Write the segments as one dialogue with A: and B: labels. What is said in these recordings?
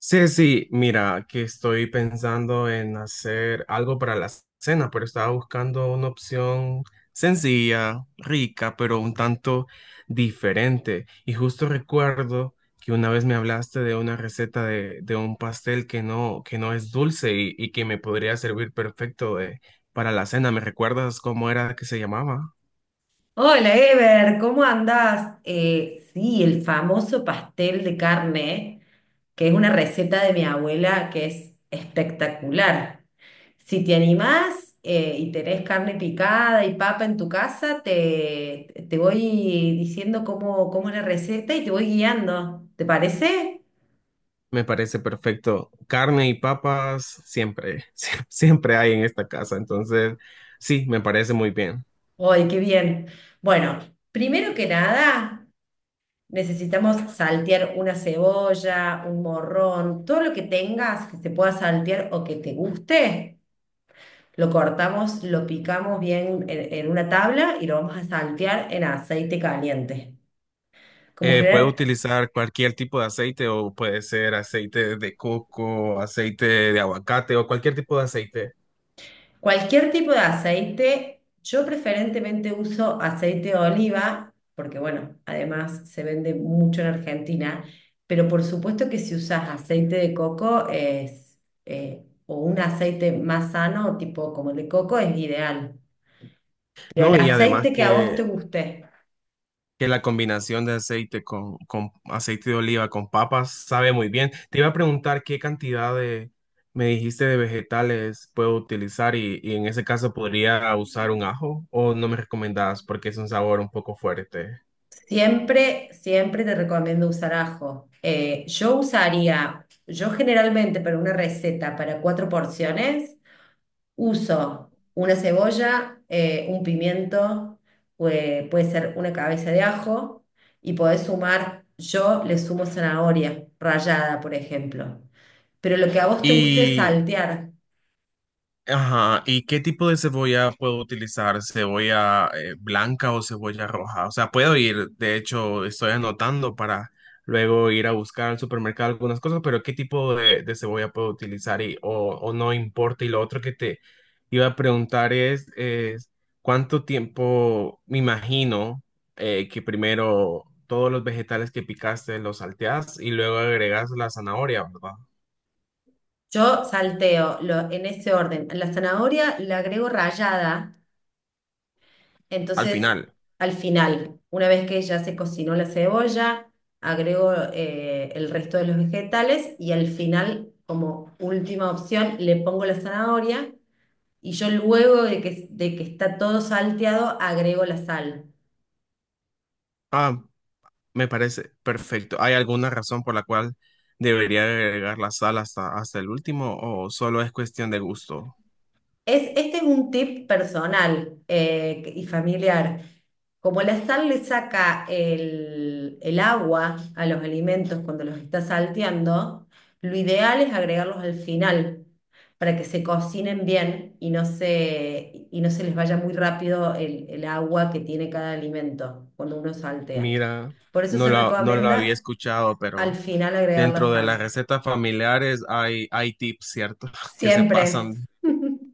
A: Sí, sí, mira, que estoy pensando en hacer algo para la cena, pero estaba buscando una opción sencilla, rica, pero un tanto diferente. Y justo recuerdo que una vez me hablaste de una receta de un pastel que no es dulce y que me podría servir perfecto de- para la cena. ¿Me recuerdas cómo era que se llamaba?
B: Hola Ever, ¿cómo andás? Sí, el famoso pastel de carne, que es una receta de mi abuela que es espectacular. Si te animás y tenés carne picada y papa en tu casa, te voy diciendo cómo es la receta y te voy guiando. ¿Te parece?
A: Me parece perfecto. Carne y papas siempre, sie- siempre hay en esta casa. Entonces, sí, me parece muy bien.
B: ¡Ay, qué bien! Bueno, primero que nada. Necesitamos saltear una cebolla, un morrón, todo lo que tengas que se pueda saltear o que te guste, lo cortamos, lo picamos bien en una tabla y lo vamos a saltear en aceite caliente. Como
A: Puedo
B: generar.
A: utilizar cualquier tipo de aceite o puede ser aceite de coco, aceite de aguacate o cualquier tipo de aceite.
B: Cualquier tipo de aceite, yo preferentemente uso aceite de oliva, porque bueno, además se vende mucho en Argentina, pero por supuesto que si usas aceite de coco es, o un aceite más sano, tipo como el de coco, es ideal. Pero el
A: No, y además
B: aceite que a vos
A: que
B: te guste,
A: que la combinación de aceite con aceite de oliva con papas sabe muy bien. Te iba a preguntar qué cantidad de, me dijiste, de vegetales puedo utilizar y en ese caso podría usar un ajo o no me recomendabas porque es un sabor un poco fuerte.
B: siempre, siempre te recomiendo usar ajo. Yo usaría, yo generalmente para una receta para cuatro porciones, uso una cebolla, un pimiento, puede ser una cabeza de ajo y podés sumar, yo le sumo zanahoria rallada, por ejemplo. Pero lo que a vos te guste es
A: Y
B: saltear.
A: ajá, ¿y qué tipo de cebolla puedo utilizar? ¿Cebolla blanca o cebolla roja? O sea, puedo ir, de hecho, estoy anotando para luego ir a buscar al supermercado algunas cosas, pero ¿qué tipo de cebolla puedo utilizar y, o no importa? Y lo otro que te iba a preguntar es ¿cuánto tiempo, me imagino, que primero todos los vegetales que picaste los salteas y luego agregas la zanahoria, ¿verdad?
B: Yo salteo en ese orden. La zanahoria la agrego rallada,
A: Al
B: entonces
A: final.
B: al final, una vez que ya se cocinó la cebolla, agrego el resto de los vegetales y al final, como última opción, le pongo la zanahoria. Y yo luego de que está todo salteado, agrego la sal.
A: Ah, me parece perfecto. ¿Hay alguna razón por la cual debería agregar la sal hasta, hasta el último o solo es cuestión de gusto?
B: Este es un tip personal y familiar. Como la sal le saca el agua a los alimentos cuando los está salteando, lo ideal es agregarlos al final para que se cocinen bien y no se les vaya muy rápido el agua que tiene cada alimento cuando uno saltea.
A: Mira,
B: Por eso
A: no
B: se
A: lo, no lo había
B: recomienda
A: escuchado,
B: al
A: pero
B: final agregar la
A: dentro de las
B: sal.
A: recetas familiares hay, hay tips, ¿cierto? Que se
B: Siempre.
A: pasan.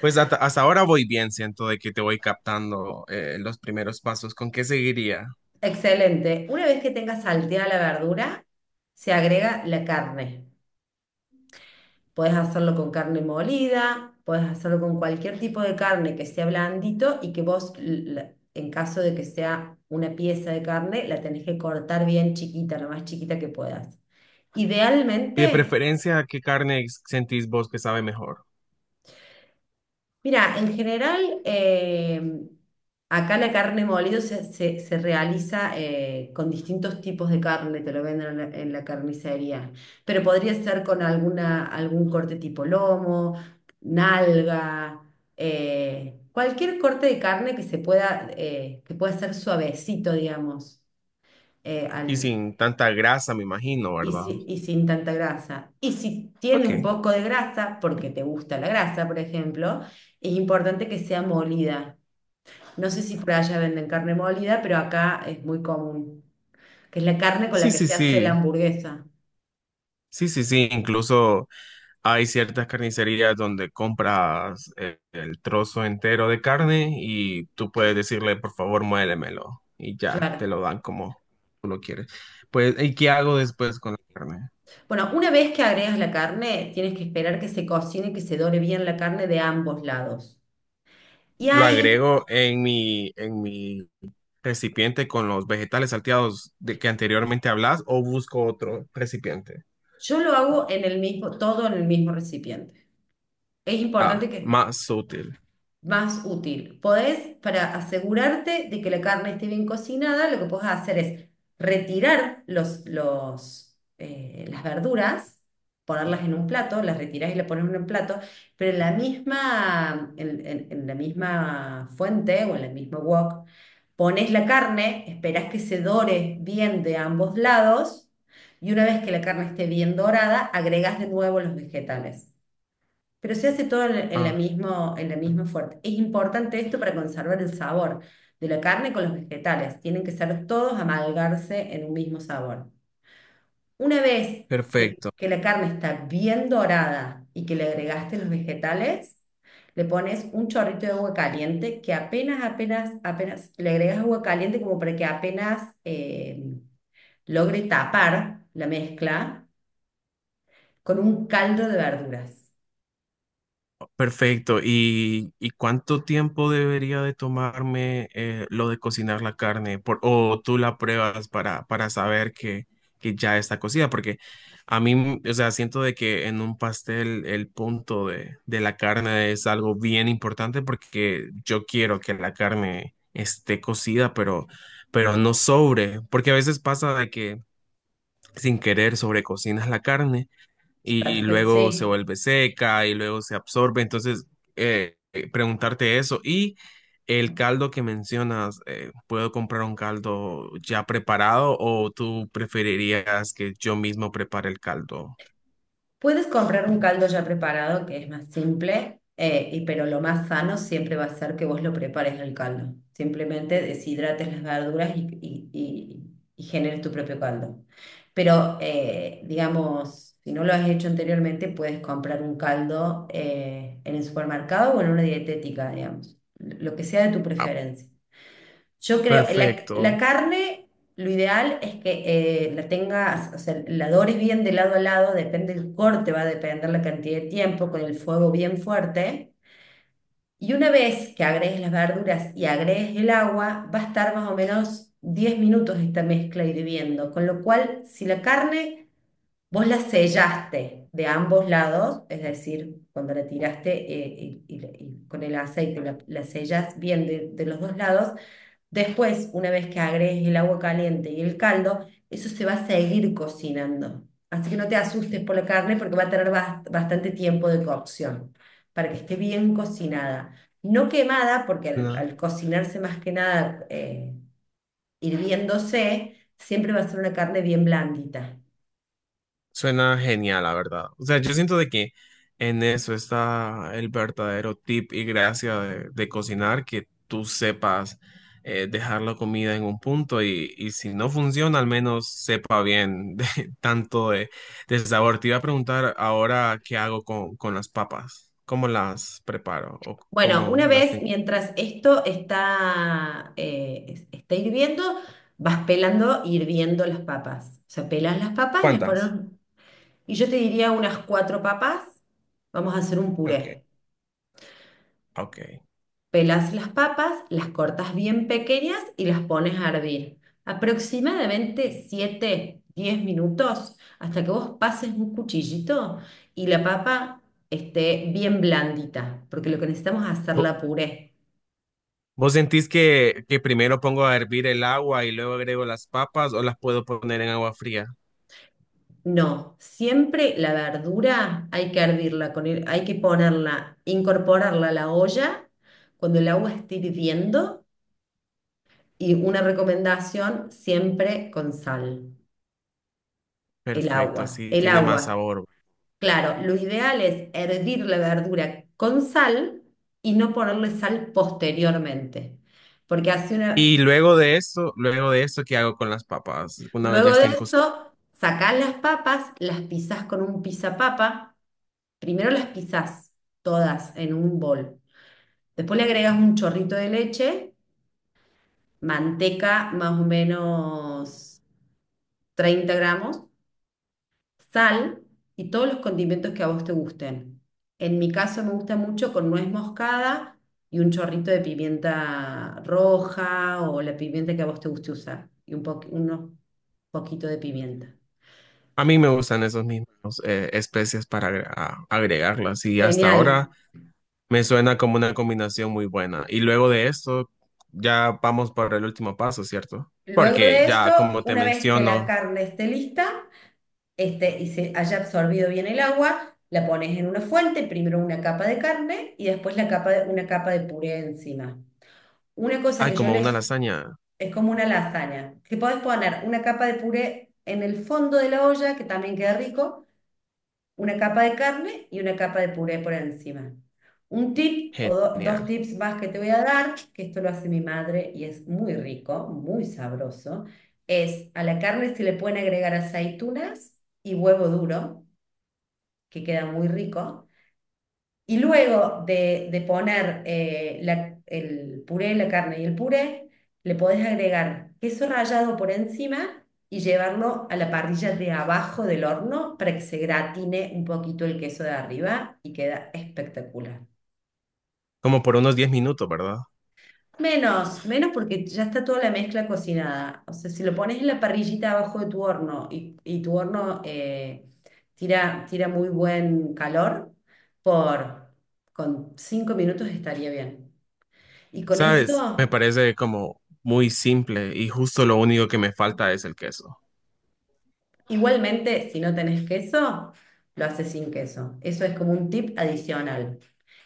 A: Pues hasta, hasta ahora voy bien, siento de que te voy captando los primeros pasos. ¿Con qué seguiría?
B: Excelente. Una vez que tengas salteada la verdura, se agrega la carne. Puedes hacerlo con carne molida, puedes hacerlo con cualquier tipo de carne que sea blandito y que vos, en caso de que sea una pieza de carne, la tenés que cortar bien chiquita, lo más chiquita que puedas.
A: Y de
B: Idealmente.
A: preferencia, ¿qué carne sentís vos que sabe mejor?
B: Mira, en general, acá la carne molida se realiza con distintos tipos de carne, te lo venden en la carnicería, pero podría ser con algún corte tipo lomo, nalga, cualquier corte de carne que se pueda, que pueda ser suavecito, digamos, eh,
A: Y
B: al-
A: sin tanta grasa, me imagino, ¿verdad?
B: y sin tanta grasa. Y si tiene un
A: Ok.
B: poco de grasa, porque te gusta la grasa, por ejemplo, es importante que sea molida. No sé si por allá venden carne molida, pero acá es muy común, que es la carne con
A: Sí,
B: la que
A: sí,
B: se hace la
A: sí.
B: hamburguesa.
A: Sí, sí, sí. Incluso hay ciertas carnicerías donde compras el trozo entero de carne y tú puedes decirle, por favor, muélemelo. Y ya, te
B: Claro.
A: lo dan como tú lo quieres. Pues, ¿y qué hago después con la carne?
B: Bueno, una vez que agregas la carne, tienes que esperar que se cocine y que se dore bien la carne de ambos lados. Y
A: Lo
B: ahí
A: agrego en mi recipiente con los vegetales salteados de que anteriormente hablas o busco otro recipiente.
B: yo lo hago en el mismo, todo en el mismo recipiente. Es importante
A: Ah,
B: que
A: más útil.
B: más útil. Podés, para asegurarte de que la carne esté bien cocinada, lo que podés hacer es retirar las verduras, ponerlas en un plato, las retirás y las pones en un plato, pero en la misma, en la misma fuente o en el mismo wok, pones la carne, esperás que se dore bien de ambos lados. Y una vez que la carne esté bien dorada, agregás de nuevo los vegetales. Pero se hace todo en la
A: Ah,
B: mismo, en la misma fuerte. Es importante esto para conservar el sabor de la carne con los vegetales. Tienen que ser todos amalgarse en un mismo sabor. Una vez que,
A: perfecto.
B: que la carne está bien dorada y que le agregaste los vegetales, le pones un chorrito de agua caliente que apenas, apenas, apenas, le agregas agua caliente como para que apenas logre tapar la mezcla con un caldo de verduras.
A: Perfecto. Y cuánto tiempo debería de tomarme lo de cocinar la carne? Por- o tú la pruebas para saber que ya está cocida, porque a mí, o sea, siento de que en un pastel el punto de la carne es algo bien importante porque yo quiero que la carne esté cocida, pero no sobre, porque a veces pasa de que sin querer sobrecocinas la carne y
B: Perfecto,
A: luego se
B: sí.
A: vuelve seca y luego se absorbe. Entonces, preguntarte eso. Y el caldo que mencionas, ¿puedo comprar un caldo ya preparado o tú preferirías que yo mismo prepare el caldo?
B: Puedes comprar un caldo ya preparado que es más simple, y, pero lo más sano siempre va a ser que vos lo prepares el caldo. Simplemente deshidrates las verduras y generes tu propio caldo. Pero, digamos, si no lo has hecho anteriormente, puedes comprar un caldo en el supermercado o en una dietética, digamos, lo que sea de tu
A: Ah,
B: preferencia. Yo creo, la
A: perfecto.
B: carne, lo ideal es que la tengas, o sea, la dores bien de lado a lado, depende del corte, va a depender la cantidad de tiempo, con el fuego bien fuerte. Y una vez que agregues las verduras y agregues el agua, va a estar más o menos 10 minutos esta mezcla hirviendo. Con lo cual, si la carne vos la sellaste de ambos lados, es decir, cuando la tiraste y, y- con el aceite la sellas bien de los dos lados. Después, una vez que agregues el agua caliente y el caldo, eso se va a seguir cocinando. Así que no te asustes por la carne porque va a tener bastante tiempo de cocción para que esté bien cocinada. No quemada, porque al cocinarse más que nada hirviéndose, siempre va a ser una carne bien blandita.
A: Suena genial, la verdad. O sea, yo siento de que en eso está el verdadero tip y gracia de cocinar, que tú sepas dejar la comida en un punto y si no funciona, al menos sepa bien de, tanto de, del sabor. Te iba a preguntar ahora qué hago con las papas, cómo las preparo o
B: Bueno, una
A: cómo las
B: vez
A: tengo.
B: mientras esto está, está hirviendo, vas pelando y hirviendo las papas. O sea, pelas las papas y las pones.
A: ¿Cuántas?
B: Y yo te diría unas cuatro papas. Vamos a hacer un
A: Ok,
B: puré.
A: ok.
B: Pelas las papas, las cortas bien pequeñas y las pones a hervir. Aproximadamente 7 10 minutos hasta que vos pases un cuchillito y la papa esté bien blandita, porque lo que necesitamos es hacerla puré.
A: ¿Vos sentís que primero pongo a hervir el agua y luego agrego las papas o las puedo poner en agua fría?
B: No, siempre la verdura hay que hervirla, hay que ponerla, incorporarla a la olla cuando el agua esté hirviendo. Y una recomendación siempre con sal, el
A: Perfecto,
B: agua.
A: así
B: El
A: tiene más
B: agua,
A: sabor.
B: claro, lo ideal es hervir la verdura con sal y no ponerle sal posteriormente. Porque hace una...
A: Y luego de esto, ¿qué hago con las papas? Una vez ya
B: Luego de
A: estén cocidas.
B: eso, sacás las papas, las pisás con un pisapapa. Primero las pisás todas en un bol. Después le agregas un chorrito de leche, manteca más o menos 30 gramos, sal y todos los condimentos que a vos te gusten. En mi caso me gusta mucho con nuez moscada y un chorrito de pimienta roja o la pimienta que a vos te guste usar y unos poquito de pimienta.
A: A mí me gustan esos mismos especias para agre- a- agregarlas y hasta
B: Genial.
A: ahora me suena como una combinación muy buena. Y luego de esto, ya vamos por el último paso, ¿cierto?
B: Luego
A: Porque
B: de esto,
A: ya, como te
B: una vez que la
A: menciono,
B: carne esté lista, y se haya absorbido bien el agua, la pones en una fuente, primero una capa de carne y después una capa de puré encima. Una cosa
A: hay
B: que yo
A: como una
B: les.
A: lasaña
B: Es como una lasaña, que podés poner una capa de puré en el fondo de la olla, que también queda rico, una capa de carne y una capa de puré por encima. Un tip o dos
A: genial,
B: tips más que te voy a dar, que esto lo hace mi madre y es muy rico, muy sabroso, es a la carne se le pueden agregar aceitunas y huevo duro, que queda muy rico. Y luego de poner el puré, la carne y el puré, le podés agregar queso rallado por encima y llevarlo a la parrilla de abajo del horno para que se gratine un poquito el queso de arriba y queda espectacular.
A: como por unos 10 minutos, ¿verdad?
B: Menos, menos porque ya está toda la mezcla cocinada. O sea, si lo pones en la parrillita abajo de tu horno y tu horno tira, tira muy buen calor, por, con 5 minutos estaría bien. Y con
A: Sabes, me
B: eso,
A: parece como muy simple y justo lo único que me falta es el queso.
B: igualmente, si no tenés queso, lo haces sin queso. Eso es como un tip adicional.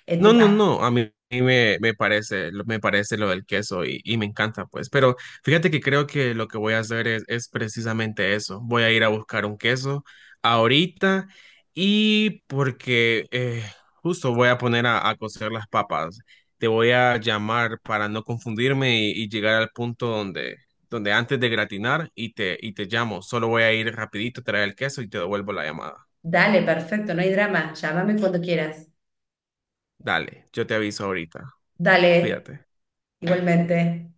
B: En tu
A: No, no,
B: pas.
A: no, a mí me, me parece lo del queso y me encanta, pues, pero fíjate que creo que lo que voy a hacer es precisamente eso, voy a ir a buscar un queso ahorita y porque justo voy a poner a cocer las papas, te voy a llamar para no confundirme y llegar al punto donde, donde antes de gratinar y te llamo, solo voy a ir rapidito a traer el queso y te devuelvo la llamada.
B: Dale, perfecto, no hay drama. Llámame cuando quieras.
A: Dale, yo te aviso ahorita,
B: Dale,
A: cuídate.
B: igualmente.